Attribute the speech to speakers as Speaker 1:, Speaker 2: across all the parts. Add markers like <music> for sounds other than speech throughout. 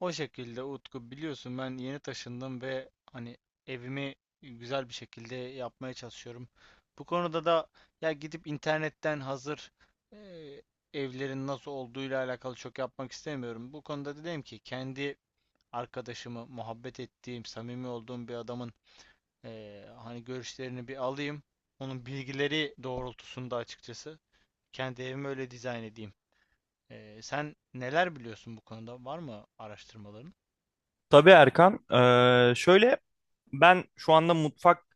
Speaker 1: O şekilde Utku biliyorsun ben yeni taşındım ve hani evimi güzel bir şekilde yapmaya çalışıyorum. Bu konuda da ya gidip internetten hazır e, evlerin nasıl olduğuyla alakalı çok yapmak istemiyorum. Bu konuda dedim ki kendi arkadaşımı muhabbet ettiğim, samimi olduğum bir adamın hani görüşlerini bir alayım. Onun bilgileri doğrultusunda açıkçası kendi evimi öyle dizayn edeyim. Sen neler biliyorsun bu konuda? Var mı araştırmaların?
Speaker 2: Tabii Erkan. Şöyle ben şu anda mutfak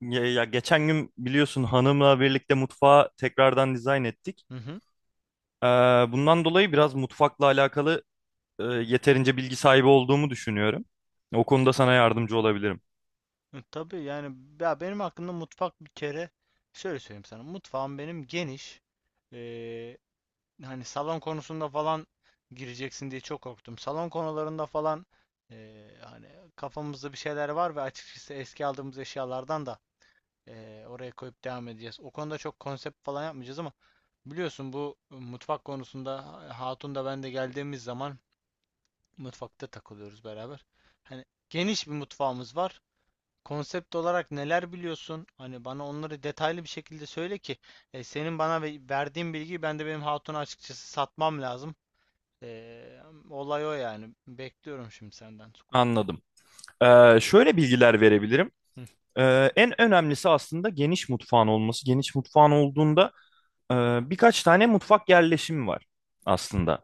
Speaker 2: ya, ya geçen gün biliyorsun hanımla birlikte mutfağı tekrardan dizayn ettik. Ee, Bundan dolayı biraz mutfakla alakalı yeterince bilgi sahibi olduğumu düşünüyorum. O konuda sana yardımcı olabilirim.
Speaker 1: Hı, tabii yani ya benim hakkında mutfak bir kere şöyle söyleyeyim sana. Mutfağım benim geniş. Ee, hani salon konusunda falan gireceksin diye çok korktum. Salon konularında falan hani kafamızda bir şeyler var ve açıkçası eski aldığımız eşyalardan da oraya koyup devam edeceğiz. O konuda çok konsept falan yapmayacağız ama biliyorsun bu mutfak konusunda Hatun da ben de geldiğimiz zaman mutfakta takılıyoruz beraber. Hani geniş bir mutfağımız var, konsept olarak neler biliyorsun? Hani bana onları detaylı bir şekilde söyle ki senin bana verdiğin bilgiyi ben de benim hatuna açıkçası satmam lazım. E, olay o yani. Bekliyorum şimdi senden.
Speaker 2: Anladım. Şöyle bilgiler verebilirim.
Speaker 1: Hı,
Speaker 2: En önemlisi aslında geniş mutfağın olması. Geniş mutfağın olduğunda e, birkaç tane mutfak yerleşimi var aslında.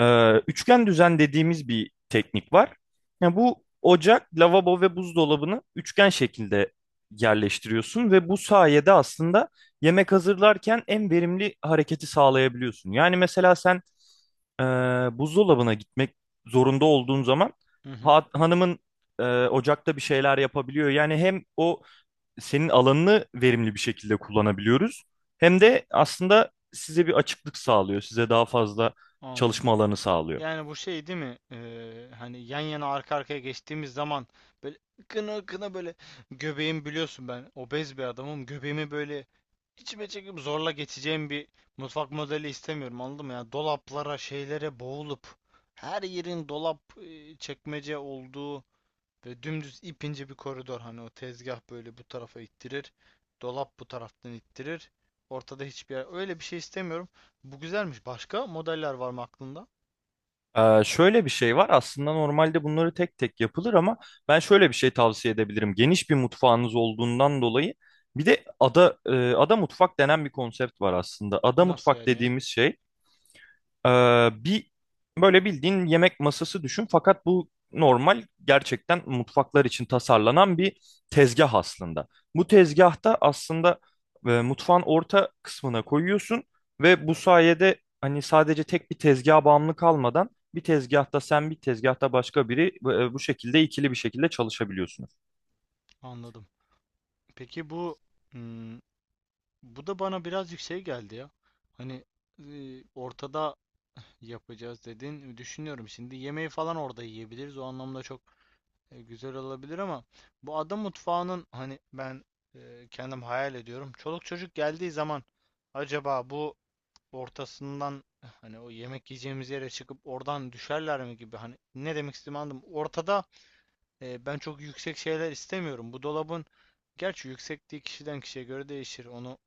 Speaker 2: Üçgen düzen dediğimiz bir teknik var. Yani bu ocak, lavabo ve buzdolabını üçgen şekilde yerleştiriyorsun ve bu sayede aslında yemek hazırlarken en verimli hareketi sağlayabiliyorsun. Yani mesela sen e, buzdolabına gitmek zorunda olduğun zaman
Speaker 1: hı hı,
Speaker 2: hanımın ocakta bir şeyler yapabiliyor. Yani hem o senin alanını verimli bir şekilde kullanabiliyoruz hem de aslında size bir açıklık sağlıyor, size daha fazla
Speaker 1: anladım.
Speaker 2: çalışma alanı sağlıyor.
Speaker 1: Yani bu şey değil mi? Hani yan yana arka arkaya geçtiğimiz zaman böyle kına kına böyle göbeğim, biliyorsun ben obez bir adamım. Göbeğimi böyle İçime çekip zorla geçeceğim bir mutfak modeli istemiyorum, anladın mı? Yani dolaplara, şeylere boğulup her yerin dolap çekmece olduğu ve dümdüz ipince bir koridor, hani o tezgah böyle bu tarafa ittirir. Dolap bu taraftan ittirir. Ortada hiçbir yer. Öyle bir şey istemiyorum. Bu güzelmiş. Başka modeller var mı aklında?
Speaker 2: Şöyle bir şey var aslında normalde bunları tek tek yapılır ama ben şöyle bir şey tavsiye edebilirim. Geniş bir mutfağınız olduğundan dolayı bir de ada ada mutfak denen bir konsept var aslında. Ada
Speaker 1: Nasıl
Speaker 2: mutfak
Speaker 1: yani ya?
Speaker 2: dediğimiz şey bir böyle bildiğin yemek masası düşün fakat bu normal gerçekten mutfaklar için tasarlanan bir tezgah aslında. Bu tezgahta aslında mutfağın orta kısmına koyuyorsun ve bu sayede hani sadece tek bir tezgaha bağımlı kalmadan bir tezgahta sen bir tezgahta başka biri bu şekilde ikili bir şekilde çalışabiliyorsunuz.
Speaker 1: Anladım. Peki bu hmm, bu da bana biraz yüksek geldi ya. Hani ortada yapacağız dedin. Düşünüyorum şimdi, yemeği falan orada yiyebiliriz. O anlamda çok güzel olabilir ama bu ada mutfağının, hani ben kendim hayal ediyorum. Çoluk çocuk geldiği zaman acaba bu ortasından, hani o yemek yiyeceğimiz yere çıkıp oradan düşerler mi gibi, hani ne demek istediğimi anladım. Ortada ben çok yüksek şeyler istemiyorum. Bu dolabın gerçi yüksekliği kişiden kişiye göre değişir. Onu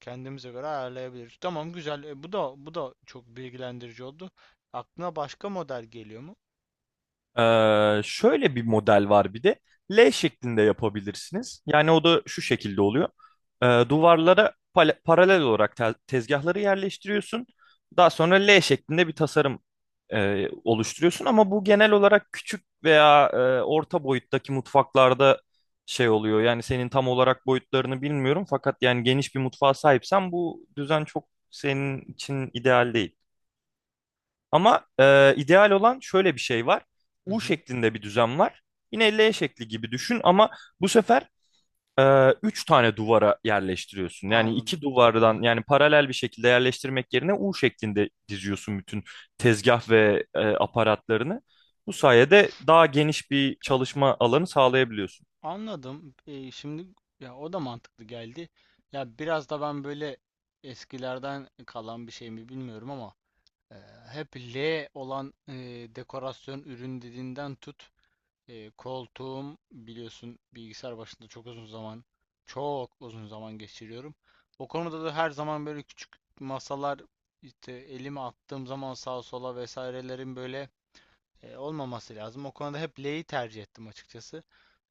Speaker 1: kendimize göre ayarlayabiliriz. Tamam, güzel. Bu da bu da çok bilgilendirici oldu. Aklına başka model geliyor mu?
Speaker 2: Şöyle bir model var bir de. L şeklinde yapabilirsiniz. Yani o da şu şekilde oluyor. Duvarlara paralel olarak tezgahları yerleştiriyorsun. Daha sonra L şeklinde bir tasarım oluşturuyorsun. Ama bu genel olarak küçük veya orta boyuttaki mutfaklarda şey oluyor. Yani senin tam olarak boyutlarını bilmiyorum. Fakat yani geniş bir mutfağa sahipsen bu düzen çok senin için ideal değil. Ama ideal olan şöyle bir şey var.
Speaker 1: Hı
Speaker 2: U
Speaker 1: hı.
Speaker 2: şeklinde bir düzen var. Yine L şekli gibi düşün ama bu sefer üç tane duvara yerleştiriyorsun. Yani
Speaker 1: Anladım.
Speaker 2: iki
Speaker 1: Hı hı.
Speaker 2: duvardan yani paralel bir şekilde yerleştirmek yerine U şeklinde diziyorsun bütün tezgah ve aparatlarını. Bu sayede daha geniş bir çalışma alanı sağlayabiliyorsun.
Speaker 1: Anladım. Şimdi ya o da mantıklı geldi. Ya biraz da ben böyle eskilerden kalan bir şey mi bilmiyorum ama e, hep L olan dekorasyon ürün dediğinden tut. Koltuğum biliyorsun bilgisayar başında çok uzun zaman, çok uzun zaman geçiriyorum. O konuda da her zaman böyle küçük masalar, işte elimi attığım zaman sağa sola vesairelerin böyle olmaması lazım. O konuda hep L'yi tercih ettim açıkçası.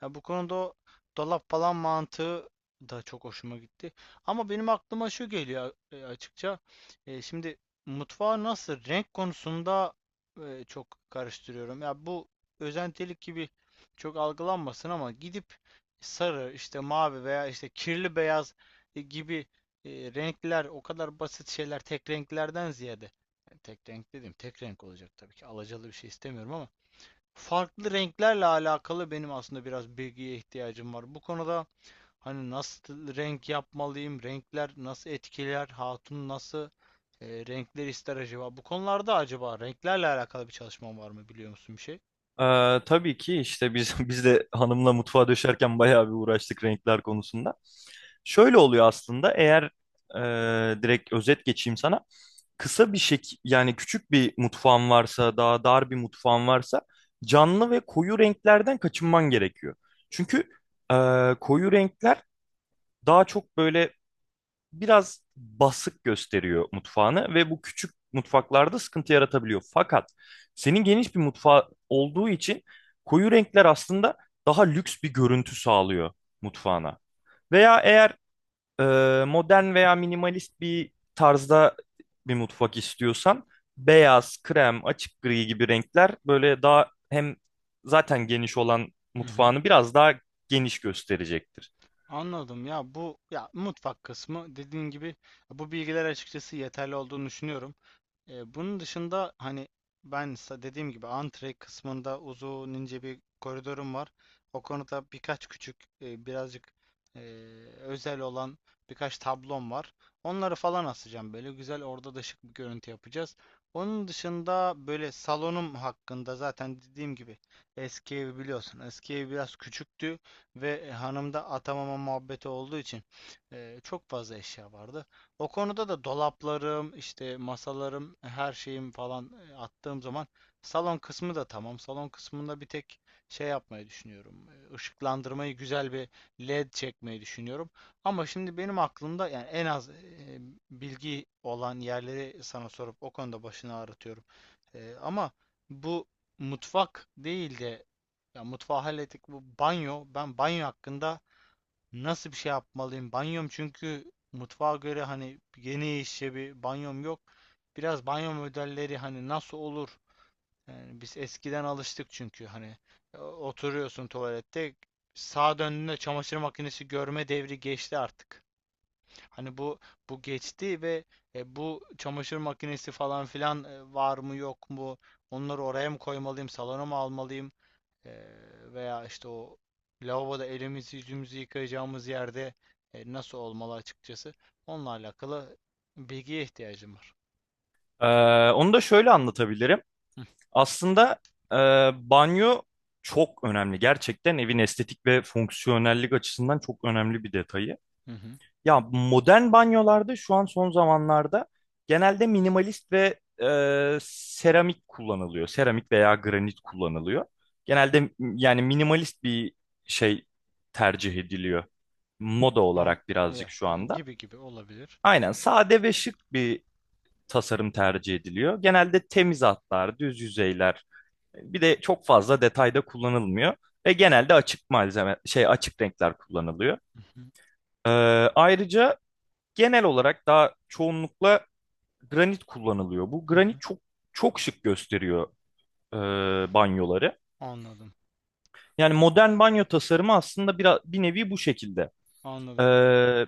Speaker 1: Ya bu konuda o dolap falan mantığı da çok hoşuma gitti. Ama benim aklıma şu geliyor açıkça. Şimdi mutfağı nasıl, renk konusunda çok karıştırıyorum. Ya bu özentilik gibi çok algılanmasın ama gidip sarı, işte mavi veya işte kirli beyaz gibi renkler, o kadar basit şeyler, tek renklerden ziyade, yani tek renk dedim. Tek renk olacak tabii ki. Alacalı bir şey istemiyorum ama farklı renklerle alakalı benim aslında biraz bilgiye ihtiyacım var. Bu konuda hani nasıl renk yapmalıyım, renkler nasıl etkiler, hatun nasıl renkler ister acaba? Bu konularda acaba renklerle alakalı bir çalışmam var mı, biliyor musun bir şey?
Speaker 2: E, tabii ki işte biz <laughs> biz de hanımla mutfağa döşerken bayağı bir uğraştık renkler konusunda. Şöyle oluyor aslında eğer direkt özet geçeyim sana. Kısa bir şek yani küçük bir mutfağın varsa daha dar bir mutfağın varsa canlı ve koyu renklerden kaçınman gerekiyor. Çünkü e, koyu renkler daha çok böyle biraz basık gösteriyor mutfağını ve bu küçük mutfaklarda sıkıntı yaratabiliyor. Fakat senin geniş bir mutfağı olduğu için koyu renkler aslında daha lüks bir görüntü sağlıyor mutfağına. Veya eğer e, modern veya minimalist bir tarzda bir mutfak istiyorsan beyaz, krem, açık gri gibi renkler böyle daha hem zaten geniş olan
Speaker 1: Hı hı.
Speaker 2: mutfağını biraz daha geniş gösterecektir.
Speaker 1: Anladım, ya bu ya mutfak kısmı dediğin gibi bu bilgiler açıkçası yeterli olduğunu düşünüyorum. Bunun dışında hani ben dediğim gibi antre kısmında uzun ince bir koridorum var. O konuda birkaç küçük birazcık e, özel olan birkaç tablom var. Onları falan asacağım, böyle güzel, orada da şık bir görüntü yapacağız. Onun dışında böyle salonum hakkında zaten dediğim gibi eski evi biliyorsun. Eski ev biraz küçüktü ve hanımda atamama muhabbeti olduğu için çok fazla eşya vardı. O konuda da dolaplarım, işte masalarım, her şeyim falan attığım zaman salon kısmı da tamam. Salon kısmında bir tek şey yapmayı düşünüyorum. Işıklandırmayı güzel bir LED çekmeyi düşünüyorum. Ama şimdi benim aklımda yani en az bilgi olan yerleri sana sorup o konuda başını ağrıtıyorum. Ama bu mutfak değil de, ya mutfağı hallettik, bu banyo. Ben banyo hakkında nasıl bir şey yapmalıyım? Banyom, çünkü mutfağa göre hani genişçe bir banyom yok. Biraz banyo modelleri hani nasıl olur? Yani biz eskiden alıştık çünkü hani oturuyorsun tuvalette sağa döndüğünde çamaşır makinesi görme devri geçti artık. Hani bu geçti ve bu çamaşır makinesi falan filan var mı yok mu? Onları oraya mı koymalıyım? Salona mı almalıyım? Veya işte o lavaboda elimizi yüzümüzü yıkayacağımız yerde nasıl olmalı açıkçası. Onunla alakalı bilgiye ihtiyacım var.
Speaker 2: Ee, Onu da şöyle anlatabilirim.
Speaker 1: Hı
Speaker 2: Aslında e, banyo çok önemli. Gerçekten evin estetik ve fonksiyonellik açısından çok önemli bir detayı.
Speaker 1: hı. Hı.
Speaker 2: Ya modern banyolarda şu an son zamanlarda genelde minimalist ve seramik kullanılıyor. Seramik veya granit kullanılıyor. Genelde yani minimalist bir şey tercih ediliyor. Moda
Speaker 1: An-
Speaker 2: olarak birazcık
Speaker 1: ya-
Speaker 2: şu
Speaker 1: yani
Speaker 2: anda.
Speaker 1: gibi gibi olabilir.
Speaker 2: Aynen sade ve şık bir tasarım tercih ediliyor. Genelde temiz hatlar, düz yüzeyler bir de çok fazla detayda kullanılmıyor ve genelde açık malzeme şey açık renkler kullanılıyor.
Speaker 1: Hı hı.
Speaker 2: Ee, Ayrıca genel olarak daha çoğunlukla granit kullanılıyor. Bu
Speaker 1: Hı hı.
Speaker 2: granit çok çok şık gösteriyor e, banyoları.
Speaker 1: Anladım.
Speaker 2: Yani modern banyo tasarımı aslında bir nevi bu şekilde.
Speaker 1: Anladım.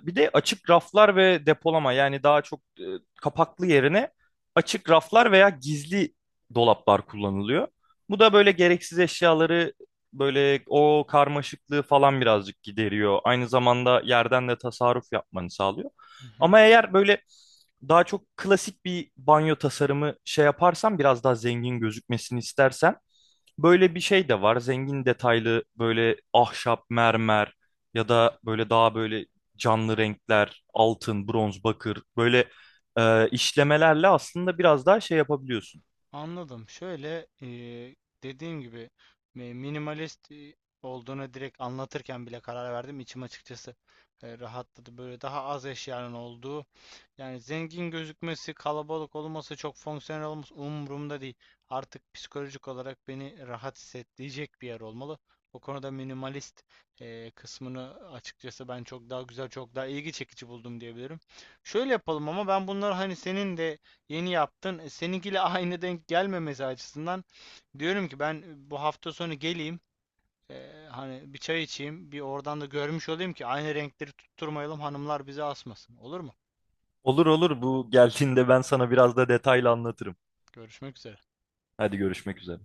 Speaker 2: Bir de açık raflar ve depolama yani daha çok kapaklı yerine açık raflar veya gizli dolaplar kullanılıyor. Bu da böyle gereksiz eşyaları böyle o karmaşıklığı falan birazcık gideriyor. Aynı zamanda yerden de tasarruf yapmanı sağlıyor.
Speaker 1: Hı hı.
Speaker 2: Ama eğer böyle daha çok klasik bir banyo tasarımı şey yaparsan biraz daha zengin gözükmesini istersen böyle bir şey de var. Zengin detaylı böyle ahşap, mermer ya da böyle daha böyle canlı renkler, altın, bronz, bakır böyle işlemelerle aslında biraz daha şey yapabiliyorsun.
Speaker 1: Anladım. Şöyle dediğim gibi minimalist olduğunu direkt anlatırken bile karar verdim. İçim açıkçası rahatladı. Böyle daha az eşyanın olduğu. Yani zengin gözükmesi, kalabalık olması, çok fonksiyonel olması umurumda değil. Artık psikolojik olarak beni rahat hissettirecek bir yer olmalı. O konuda minimalist kısmını açıkçası ben çok daha güzel, çok daha ilgi çekici buldum diyebilirim. Şöyle yapalım, ama ben bunları hani senin de yeni yaptın, seninkiyle <laughs> aynı denk gelmemesi açısından diyorum ki ben bu hafta sonu geleyim. Hani bir çay içeyim, bir oradan da görmüş olayım ki aynı renkleri tutturmayalım, hanımlar bizi asmasın. Olur mu?
Speaker 2: Olur olur bu geldiğinde ben sana biraz da detaylı anlatırım.
Speaker 1: Görüşmek üzere.
Speaker 2: Hadi görüşmek üzere.